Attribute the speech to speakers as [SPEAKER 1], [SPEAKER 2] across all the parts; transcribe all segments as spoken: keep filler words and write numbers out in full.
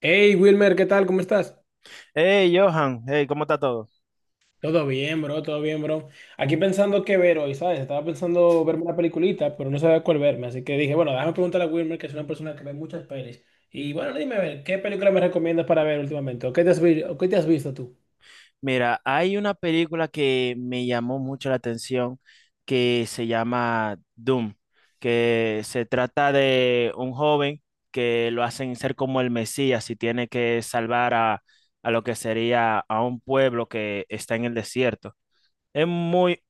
[SPEAKER 1] Hey Wilmer, ¿qué tal? ¿Cómo estás?
[SPEAKER 2] Hey, Johan, hey, ¿cómo está todo?
[SPEAKER 1] Todo bien, bro, todo bien, bro. Aquí pensando qué ver hoy, ¿sabes? Estaba pensando verme una peliculita, pero no sabía cuál verme, así que dije, bueno, déjame preguntarle a Wilmer, que es una persona que ve muchas pelis. Y bueno, dime, a ver, ¿qué película me recomiendas para ver últimamente? ¿O qué te has, vi- o qué te has visto tú?
[SPEAKER 2] Mira, hay una película que me llamó mucho la atención que se llama Doom, que se trata de un joven que lo hacen ser como el Mesías y tiene que salvar a, a lo que sería a un pueblo que está en el desierto. Es muy,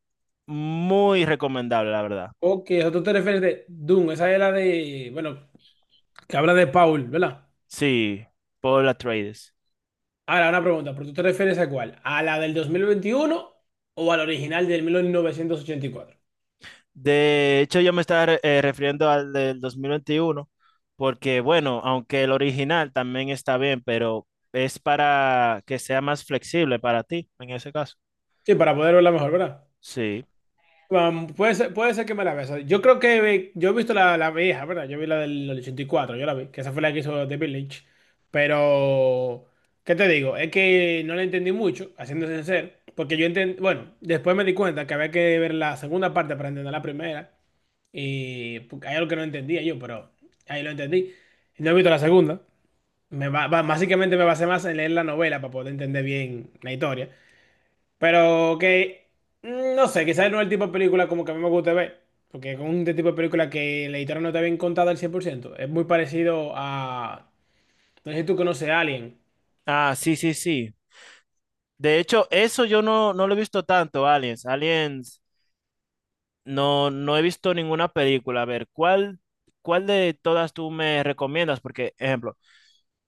[SPEAKER 2] muy recomendable, la verdad.
[SPEAKER 1] Ok, o sea, tú te refieres de Doom, esa es la de, bueno, que habla de Paul, ¿verdad?
[SPEAKER 2] Sí, Paul Atreides.
[SPEAKER 1] Ahora, una pregunta, ¿pero tú te refieres a cuál? ¿A la del dos mil veintiuno o a la original del mil novecientos ochenta y cuatro?
[SPEAKER 2] De hecho, yo me estaba eh, refiriendo al del dos mil veintiuno porque bueno, aunque el original también está bien, pero es para que sea más flexible para ti en ese caso.
[SPEAKER 1] Sí, para poder verla mejor, ¿verdad?
[SPEAKER 2] Sí.
[SPEAKER 1] Um, puede ser, puede ser que me la vea. O sea, Yo creo que ve- yo he visto la, la vieja, ¿verdad? Yo vi la del ochenta y cuatro, yo la vi, que esa fue la que hizo The Village. Pero, ¿qué te digo? Es que no la entendí mucho, haciéndose sincero, porque yo entendí, bueno, después me di cuenta que había que ver la segunda parte para entender la primera, y porque hay algo que no entendía yo, pero ahí lo entendí. No he visto la segunda. Me ba- ba- básicamente me basé más en leer la novela para poder entender bien la historia. Pero que, mm, no sé, quizás no es el tipo de película como que a mí me gusta ver. Porque es un tipo de película que la historia no está bien contada al cien por ciento. Es muy parecido a... No sé si tú conoces a Alien.
[SPEAKER 2] Ah, sí, sí, sí. De hecho, eso yo no, no lo he visto tanto, Aliens. Aliens, no, no he visto ninguna película. A ver, ¿cuál, cuál de todas tú me recomiendas? Porque, ejemplo,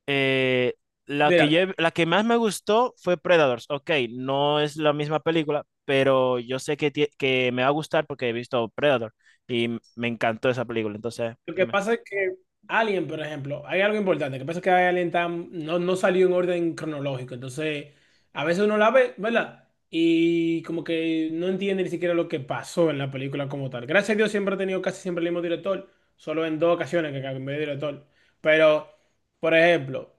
[SPEAKER 2] Eh, la que
[SPEAKER 1] Mira,
[SPEAKER 2] yo he- la que más me gustó fue Predators. Ok, no es la misma película, pero yo sé que, tie- que me va a gustar porque he visto Predator y m- me encantó esa película. Entonces,
[SPEAKER 1] lo que
[SPEAKER 2] dime.
[SPEAKER 1] pasa es que Alien, por ejemplo, hay algo importante. Lo que pasa es que Alien tam- no, no salió en orden cronológico. Entonces, a veces uno la ve, ¿verdad? Y como que no entiende ni siquiera lo que pasó en la película como tal. Gracias a Dios siempre ha tenido casi siempre el mismo director. Solo en dos ocasiones que cambió de director. Pero, por ejemplo,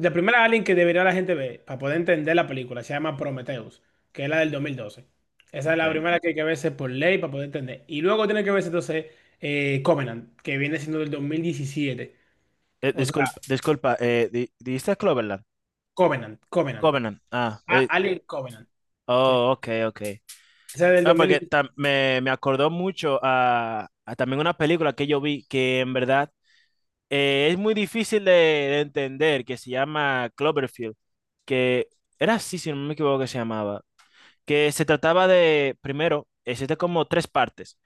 [SPEAKER 1] la primera Alien que debería la gente ver para poder entender la película se llama Prometheus, que es la del dos mil doce. Esa es
[SPEAKER 2] Ok.
[SPEAKER 1] la
[SPEAKER 2] Eh,
[SPEAKER 1] primera que hay que verse por ley para poder entender. Y luego tiene que verse entonces eh, Covenant, que viene siendo del dos mil diecisiete, o sea,
[SPEAKER 2] disculpa, disculpa, eh, di- ¿dijiste Cloverland?
[SPEAKER 1] Covenant, Covenant.
[SPEAKER 2] Covenant. Ah,
[SPEAKER 1] A-
[SPEAKER 2] eh,
[SPEAKER 1] Alien Covenant. Sí.
[SPEAKER 2] oh, ok, ok.
[SPEAKER 1] Esa es del
[SPEAKER 2] Ah, porque
[SPEAKER 1] dos mil diecisiete.
[SPEAKER 2] tam- me, me acordó mucho a, a también una película que yo vi que en verdad eh, es muy difícil de, de entender, que se llama Cloverfield, que era así, si no me equivoco, que se llamaba, que se trataba de, primero, existe como tres partes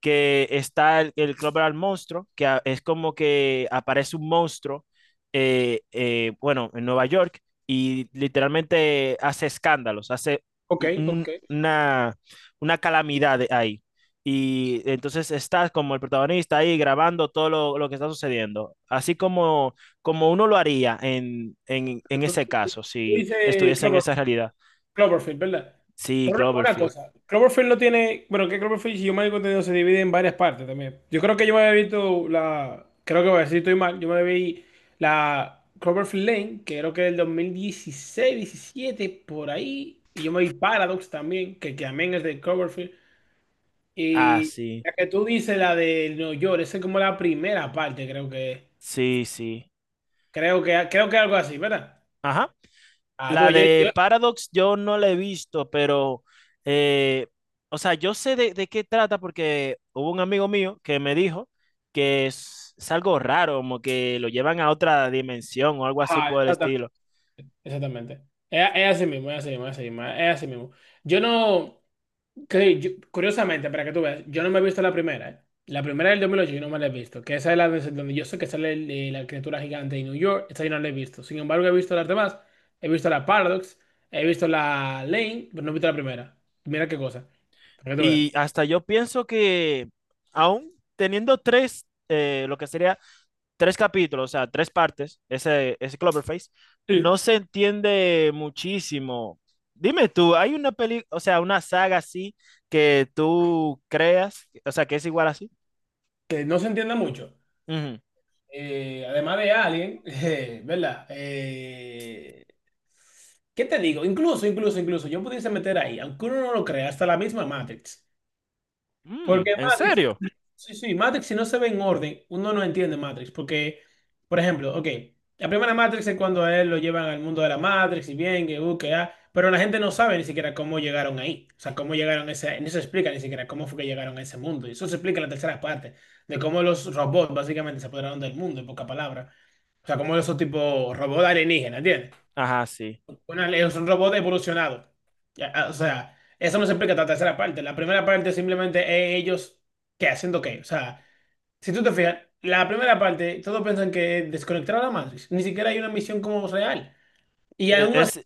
[SPEAKER 2] que está el, el Club del Monstruo, que a- es como que aparece un monstruo, eh, eh, bueno, en Nueva York, y literalmente hace escándalos, hace
[SPEAKER 1] Ok,
[SPEAKER 2] un-
[SPEAKER 1] ok.
[SPEAKER 2] una, una calamidad ahí. Y entonces está como el protagonista ahí grabando todo lo, lo que está sucediendo, así como, como uno lo haría en, en, en ese caso,
[SPEAKER 1] Tú
[SPEAKER 2] si
[SPEAKER 1] dices
[SPEAKER 2] estuviese en
[SPEAKER 1] Clover-
[SPEAKER 2] esa realidad.
[SPEAKER 1] Cloverfield, ¿verdad?
[SPEAKER 2] Sí,
[SPEAKER 1] Pero una
[SPEAKER 2] Cloverfield.
[SPEAKER 1] cosa, Cloverfield no tiene. Bueno, que Cloverfield, si yo me he contenido, se divide en varias partes también. Yo creo que yo me había visto la. Creo que voy a decir, estoy mal. Yo me vi la Cloverfield Lane, que creo que es del dos mil dieciséis, diecisiete por ahí. Y yo me vi Paradox también, que, que también es de Cloverfield.
[SPEAKER 2] Ah,
[SPEAKER 1] Y
[SPEAKER 2] sí,
[SPEAKER 1] la que tú dices, la de New York, esa es como la primera parte, creo que.
[SPEAKER 2] sí, sí.
[SPEAKER 1] Creo que creo que algo así, ¿verdad?
[SPEAKER 2] Ajá.
[SPEAKER 1] Ah, tú,
[SPEAKER 2] La
[SPEAKER 1] yo,
[SPEAKER 2] de
[SPEAKER 1] yo-
[SPEAKER 2] Paradox yo no la he visto, pero, eh, o sea, yo sé de, de qué trata porque hubo un amigo mío que me dijo que es, es algo raro, como que lo llevan a otra dimensión o algo así
[SPEAKER 1] ajá,
[SPEAKER 2] por el
[SPEAKER 1] exactamente.
[SPEAKER 2] estilo.
[SPEAKER 1] Exactamente. Es, es así mismo, es así mismo, es así mismo, es así mismo. Yo no, que yo- curiosamente, para que tú veas, yo no me he visto la primera, ¿eh? La primera del dos mil ocho yo no me la he visto, que esa es la de- donde yo sé que sale el- eh, la criatura gigante de New York, esa yo no la he visto. Sin embargo, he visto las demás, he visto la Paradox, he visto la Lane, pero no he visto la primera. Mira qué cosa, para que tú
[SPEAKER 2] Y hasta yo pienso que aún teniendo tres, eh, lo que sería tres capítulos, o sea, tres partes, ese, ese Cloverface, no
[SPEAKER 1] veas.
[SPEAKER 2] se entiende muchísimo. Dime tú, ¿hay una peli, o sea, una saga así que tú creas, o sea, que es igual así?
[SPEAKER 1] Que no se entienda mucho.
[SPEAKER 2] Ujú.
[SPEAKER 1] Eh, además de Alien, eh, ¿verdad? Eh, ¿qué te digo? Incluso, incluso, incluso, yo pudiese meter ahí, aunque uno no lo crea, hasta la misma Matrix.
[SPEAKER 2] Mm,
[SPEAKER 1] Porque
[SPEAKER 2] ¿en
[SPEAKER 1] Matrix.
[SPEAKER 2] serio?
[SPEAKER 1] Sí, sí, Matrix si no se ve en orden, uno no entiende Matrix, porque, por ejemplo, ok, la primera Matrix es cuando a él lo llevan al mundo de la Matrix y bien, que, uh, que, ah, pero la gente no sabe ni siquiera cómo llegaron ahí, o sea, cómo llegaron a ese, no se explica ni siquiera cómo fue que llegaron a ese mundo, y eso se explica en la tercera parte, de cómo los robots básicamente se apoderaron del mundo, en pocas palabras, o sea, como esos tipo robots alienígenas, ¿entiendes?
[SPEAKER 2] Ajá, sí.
[SPEAKER 1] Una- es un robot evolucionado. Ya, ah, o sea, eso no se explica en la tercera parte, la primera parte simplemente es ellos, ¿qué? ¿Haciendo qué? O sea... Si tú te fijas, la primera parte, todos piensan que es desconectar a la Matrix. Ni siquiera hay una misión como real. Y
[SPEAKER 2] E-
[SPEAKER 1] aún así,
[SPEAKER 2] Es,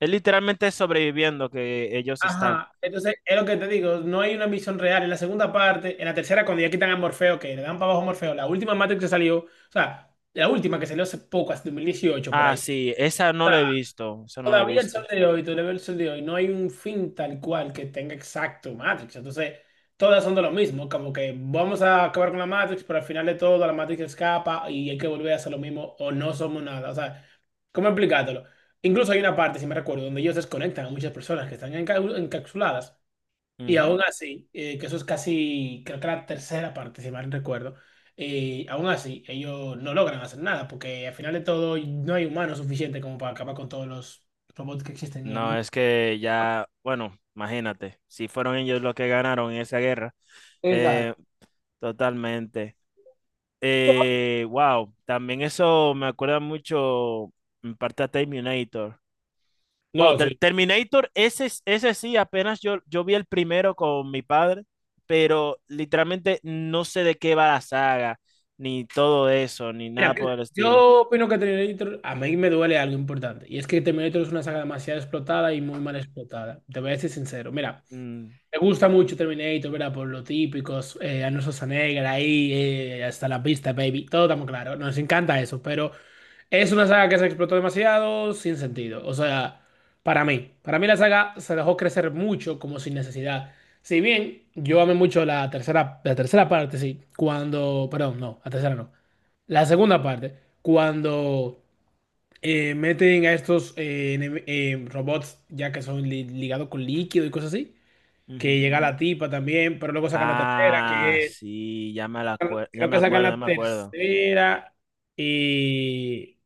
[SPEAKER 2] es literalmente sobreviviendo que ellos están.
[SPEAKER 1] ajá, entonces es lo que te digo, no hay una misión real. En la segunda parte, en la tercera, cuando ya quitan a Morfeo, que le dan para abajo a Morfeo, la última Matrix que salió, o sea, la última que salió hace poco, hace dos mil dieciocho por
[SPEAKER 2] Ah,
[SPEAKER 1] ahí.
[SPEAKER 2] sí, esa no la he visto, esa no la he
[SPEAKER 1] Todavía el sol
[SPEAKER 2] visto.
[SPEAKER 1] de hoy, todavía el sol de hoy, no hay un fin tal cual que tenga exacto Matrix. Entonces, todas son de lo mismo, como que vamos a acabar con la Matrix, pero al final de todo la Matrix escapa y hay que volver a hacer lo mismo o no somos nada. O sea, ¿cómo explicártelo? Incluso hay una parte, si me recuerdo, donde ellos desconectan a muchas personas que están enca- encapsuladas y
[SPEAKER 2] Ujú.
[SPEAKER 1] aún así, eh, que eso es casi, creo que la tercera parte, si mal recuerdo, eh, aún así ellos no logran hacer nada porque al final de todo no hay humanos suficiente como para acabar con todos los robots que existen en el
[SPEAKER 2] No,
[SPEAKER 1] mundo.
[SPEAKER 2] es que ya, bueno, imagínate, si fueron ellos los que ganaron en esa guerra,
[SPEAKER 1] Exacto.
[SPEAKER 2] eh, totalmente. Eh, wow, también eso me acuerda mucho en parte a Terminator. Wow,
[SPEAKER 1] No,
[SPEAKER 2] Ter-
[SPEAKER 1] sí.
[SPEAKER 2] Terminator, ese, es- ese sí, apenas yo, yo vi el primero con mi padre, pero literalmente no sé de qué va la saga, ni todo eso, ni nada
[SPEAKER 1] Mira, que-
[SPEAKER 2] por el estilo.
[SPEAKER 1] yo opino que Terminator, a mí me duele algo importante, y es que Terminator es una saga demasiado explotada y muy mal explotada. Te voy a decir sincero, mira.
[SPEAKER 2] Mm,
[SPEAKER 1] Me gusta mucho Terminator, ¿verdad? Por lo típicos, eh, Arnold Schwarzenegger ahí, eh, hasta la pista, baby. Todo estamos claro. Nos encanta eso, pero es una saga que se explotó demasiado sin sentido. O sea, para mí. Para mí la saga se dejó crecer mucho como sin necesidad. Si bien yo amé mucho la tercera, la tercera parte, sí. Cuando, perdón, no, la tercera no. La segunda parte, cuando eh, meten a estos eh, enem- eh, robots ya que son li- ligados con líquido y cosas así
[SPEAKER 2] ujú.
[SPEAKER 1] que llega la tipa también, pero luego sacan la tercera,
[SPEAKER 2] Ah,
[SPEAKER 1] que es-
[SPEAKER 2] sí, ya me la acue- ya
[SPEAKER 1] creo
[SPEAKER 2] me
[SPEAKER 1] que sacan
[SPEAKER 2] acuerdo, ya
[SPEAKER 1] la
[SPEAKER 2] me acuerdo.
[SPEAKER 1] tercera y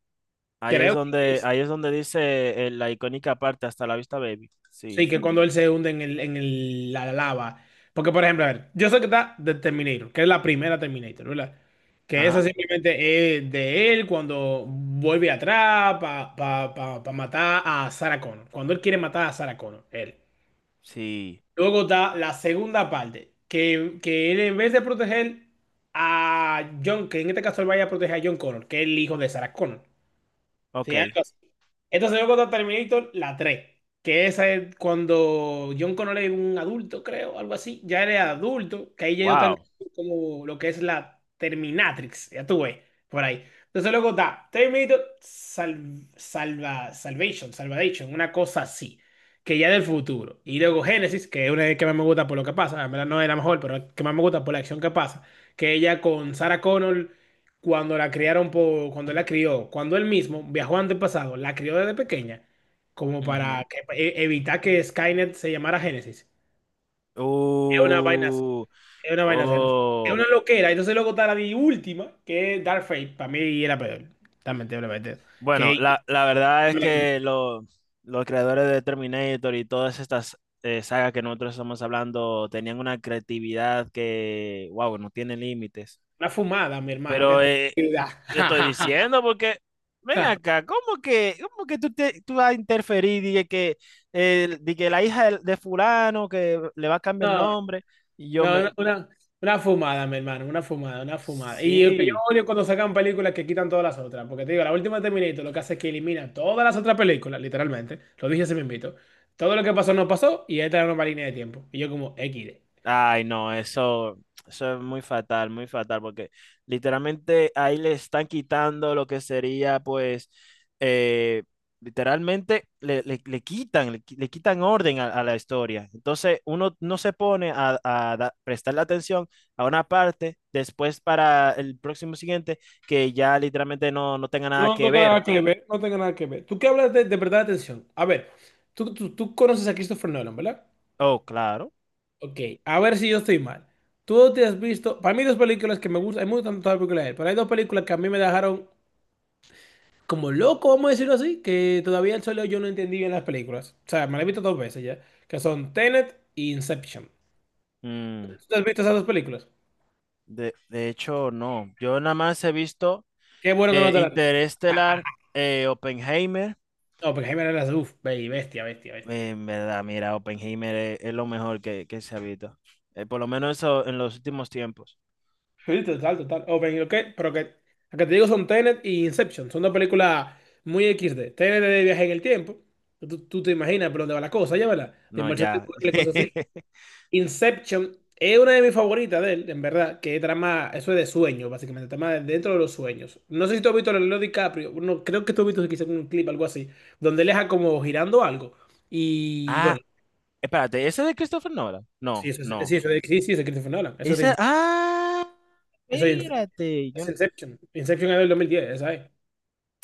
[SPEAKER 2] Ahí es
[SPEAKER 1] creo que
[SPEAKER 2] donde,
[SPEAKER 1] es,
[SPEAKER 2] ahí es donde dice eh, la icónica parte, hasta la vista, baby.
[SPEAKER 1] sí,
[SPEAKER 2] Sí.
[SPEAKER 1] que cuando él se hunde en el, en el- la lava. Porque, por ejemplo, a ver, yo sé que está de Terminator, que es la primera Terminator, ¿verdad? Que esa
[SPEAKER 2] Ajá.
[SPEAKER 1] simplemente es de él cuando vuelve atrás para matar a Sarah Connor. Cuando él quiere matar a Sarah Connor, él.
[SPEAKER 2] Sí.
[SPEAKER 1] Luego está la segunda parte, que, que él en vez de proteger a John, que en este caso él vaya a proteger a John Connor, que es el hijo de Sarah Connor. Sí,
[SPEAKER 2] Ok.
[SPEAKER 1] algo así. Entonces luego está Terminator, la tres, que esa es cuando John Connor es un adulto, creo, algo así. Ya eres adulto, que ahí ya yo tan
[SPEAKER 2] Wow.
[SPEAKER 1] como lo que es la Terminatrix, ya tú ves, por ahí. Entonces luego está Terminator Sal- Salva, Salvation, Salvation, una cosa así, que ya es del futuro. Y luego Genesis, que es una de las que más me gusta por lo que pasa, en verdad no es la mejor, pero es la que más me gusta por la acción que pasa, que ella con Sarah Connor cuando la criaron por, cuando él la crió, cuando él mismo viajó antepasado, la crió desde pequeña, como
[SPEAKER 2] Ujú.
[SPEAKER 1] para que- e- evitar que Skynet se llamara Génesis. Es una vaina, es
[SPEAKER 2] Uh,
[SPEAKER 1] una vaina, es
[SPEAKER 2] oh.
[SPEAKER 1] una loquera. Entonces luego está la di- última, que es Dark Fate, para mí era peor, también te lo prometo.
[SPEAKER 2] Bueno,
[SPEAKER 1] Que
[SPEAKER 2] la, la verdad es que lo- los creadores de Terminator y todas estas eh, sagas que nosotros estamos hablando tenían una creatividad que, wow, no tiene límites.
[SPEAKER 1] una fumada, mi hermano, que
[SPEAKER 2] Pero eh, yo estoy diciendo porque, ven acá, ¿cómo que, cómo que tú, te- tú vas a interferir? Dije que, eh, di que la hija de, de fulano que le va a cambiar el
[SPEAKER 1] No,
[SPEAKER 2] nombre. Y yo
[SPEAKER 1] no,
[SPEAKER 2] me...
[SPEAKER 1] una, una, una fumada, mi hermano, una fumada, una fumada. Y el que yo
[SPEAKER 2] Sí.
[SPEAKER 1] odio cuando sacan películas que quitan todas las otras, porque te digo, la última de Terminator lo que hace es que elimina todas las otras películas, literalmente, lo dije se me invito. Todo lo que pasó no pasó y esta es una línea de tiempo. Y yo como equis de.
[SPEAKER 2] Ay, no, eso, eso es muy fatal, muy fatal, porque literalmente ahí le están quitando lo que sería, pues, eh, literalmente le, le- le quitan, le, qui- le quitan orden a, a la historia. Entonces, uno no se pone a, a da- prestarle atención a una parte después para el próximo siguiente que ya literalmente no, no tenga nada
[SPEAKER 1] No
[SPEAKER 2] que
[SPEAKER 1] tengo
[SPEAKER 2] ver.
[SPEAKER 1] nada que ver, no tengo nada que ver. Tú qué hablas de, de, verdad de atención. A ver, tú, tú, tú conoces a Christopher Nolan, ¿verdad?
[SPEAKER 2] Oh, claro.
[SPEAKER 1] Ok, a ver si yo estoy mal. Tú te has visto, para mí hay dos películas que me gustan, hay me gustan todas las películas de él, pero hay dos películas que a mí me dejaron como loco, vamos a decirlo así, que todavía el solo yo no entendí bien las películas. O sea, me las he visto dos veces ya, que son Tenet y Inception.
[SPEAKER 2] Mm,
[SPEAKER 1] ¿Tú has visto esas dos películas?
[SPEAKER 2] de, de hecho, no. Yo nada más he visto...
[SPEAKER 1] Qué bueno que no
[SPEAKER 2] Eh,
[SPEAKER 1] te las...
[SPEAKER 2] Interestelar, eh, Oppenheimer.
[SPEAKER 1] No, porque Jaime las... Uf, baby, bestia, bestia, bestia.
[SPEAKER 2] Eh, en verdad, mira, Oppenheimer es, es lo mejor que, que se ha visto. Eh, por lo menos eso en los últimos tiempos.
[SPEAKER 1] Sí, total, total. O ven, ok, pero que... Lo que te digo son Tenet y Inception. Son dos películas muy equis de Tenet es de viaje en el tiempo. Tú, tú te imaginas por dónde va la cosa, ya, ¿verdad? De
[SPEAKER 2] No,
[SPEAKER 1] inmersión
[SPEAKER 2] ya.
[SPEAKER 1] temporal y cosas así. Inception es una de mis favoritas de él, en verdad, que es trama, eso es de sueños, básicamente, trama de- dentro de los sueños. No sé si tú has visto a Leonardo DiCaprio, no, creo que tú has visto quizás un clip, algo así, donde él deja como girando algo. Y bueno,
[SPEAKER 2] Ah, espérate, ¿ese de Christopher Nolan?
[SPEAKER 1] sí,
[SPEAKER 2] No,
[SPEAKER 1] eso es, sí,
[SPEAKER 2] no.
[SPEAKER 1] eso es, sí, sí, eso es Christopher Nolan, eso es, de
[SPEAKER 2] Ese,
[SPEAKER 1] Ince-
[SPEAKER 2] ah,
[SPEAKER 1] eso es Ince-
[SPEAKER 2] espérate. Yo,
[SPEAKER 1] es Inception. Inception es del dos mil diez, ¿sabes?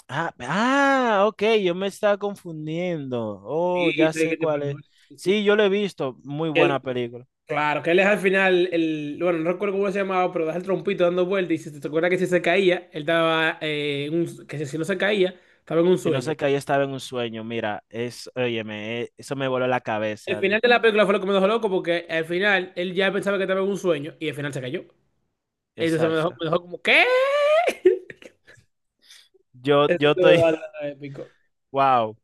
[SPEAKER 2] ah, ah, ok, yo me estaba confundiendo. Oh,
[SPEAKER 1] Sí,
[SPEAKER 2] ya
[SPEAKER 1] eso es
[SPEAKER 2] sé cuál
[SPEAKER 1] Christopher
[SPEAKER 2] es.
[SPEAKER 1] Nolan, sí,
[SPEAKER 2] Sí, yo lo he visto. Muy buena
[SPEAKER 1] sí.
[SPEAKER 2] película.
[SPEAKER 1] Claro, que él es al final, el, bueno, no recuerdo cómo se llamaba, pero das el trompito dando vueltas y si te te acuerdas que si se caía, él estaba eh, en un- que si si no se caía, estaba en un
[SPEAKER 2] Si no
[SPEAKER 1] sueño.
[SPEAKER 2] sé que ahí estaba en un sueño, mira, es, óyeme, eh, eso me voló la
[SPEAKER 1] El
[SPEAKER 2] cabeza.
[SPEAKER 1] final de la película fue lo que me dejó loco porque al final él ya pensaba que estaba en un sueño y al final se cayó. Entonces me dejó,
[SPEAKER 2] Exacto.
[SPEAKER 1] me dejó como, ¿qué?
[SPEAKER 2] Yo,
[SPEAKER 1] Eso
[SPEAKER 2] yo
[SPEAKER 1] te
[SPEAKER 2] estoy,
[SPEAKER 1] épico.
[SPEAKER 2] wow,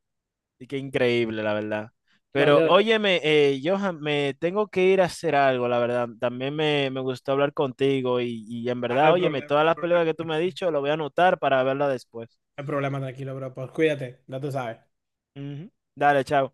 [SPEAKER 2] y qué increíble, la verdad. Pero
[SPEAKER 1] Demasiado.
[SPEAKER 2] óyeme, eh, Johan, me tengo que ir a hacer algo, la verdad. También me, me gustó hablar contigo y, y en
[SPEAKER 1] Ah, no
[SPEAKER 2] verdad,
[SPEAKER 1] hay
[SPEAKER 2] óyeme,
[SPEAKER 1] problema,
[SPEAKER 2] todas
[SPEAKER 1] no hay
[SPEAKER 2] las películas
[SPEAKER 1] problema,
[SPEAKER 2] que tú me has dicho, lo voy a anotar para verla después.
[SPEAKER 1] no hay problema, tranquilo, bro. Pues cuídate, ya tú sabes.
[SPEAKER 2] Ujú. Dale, chao.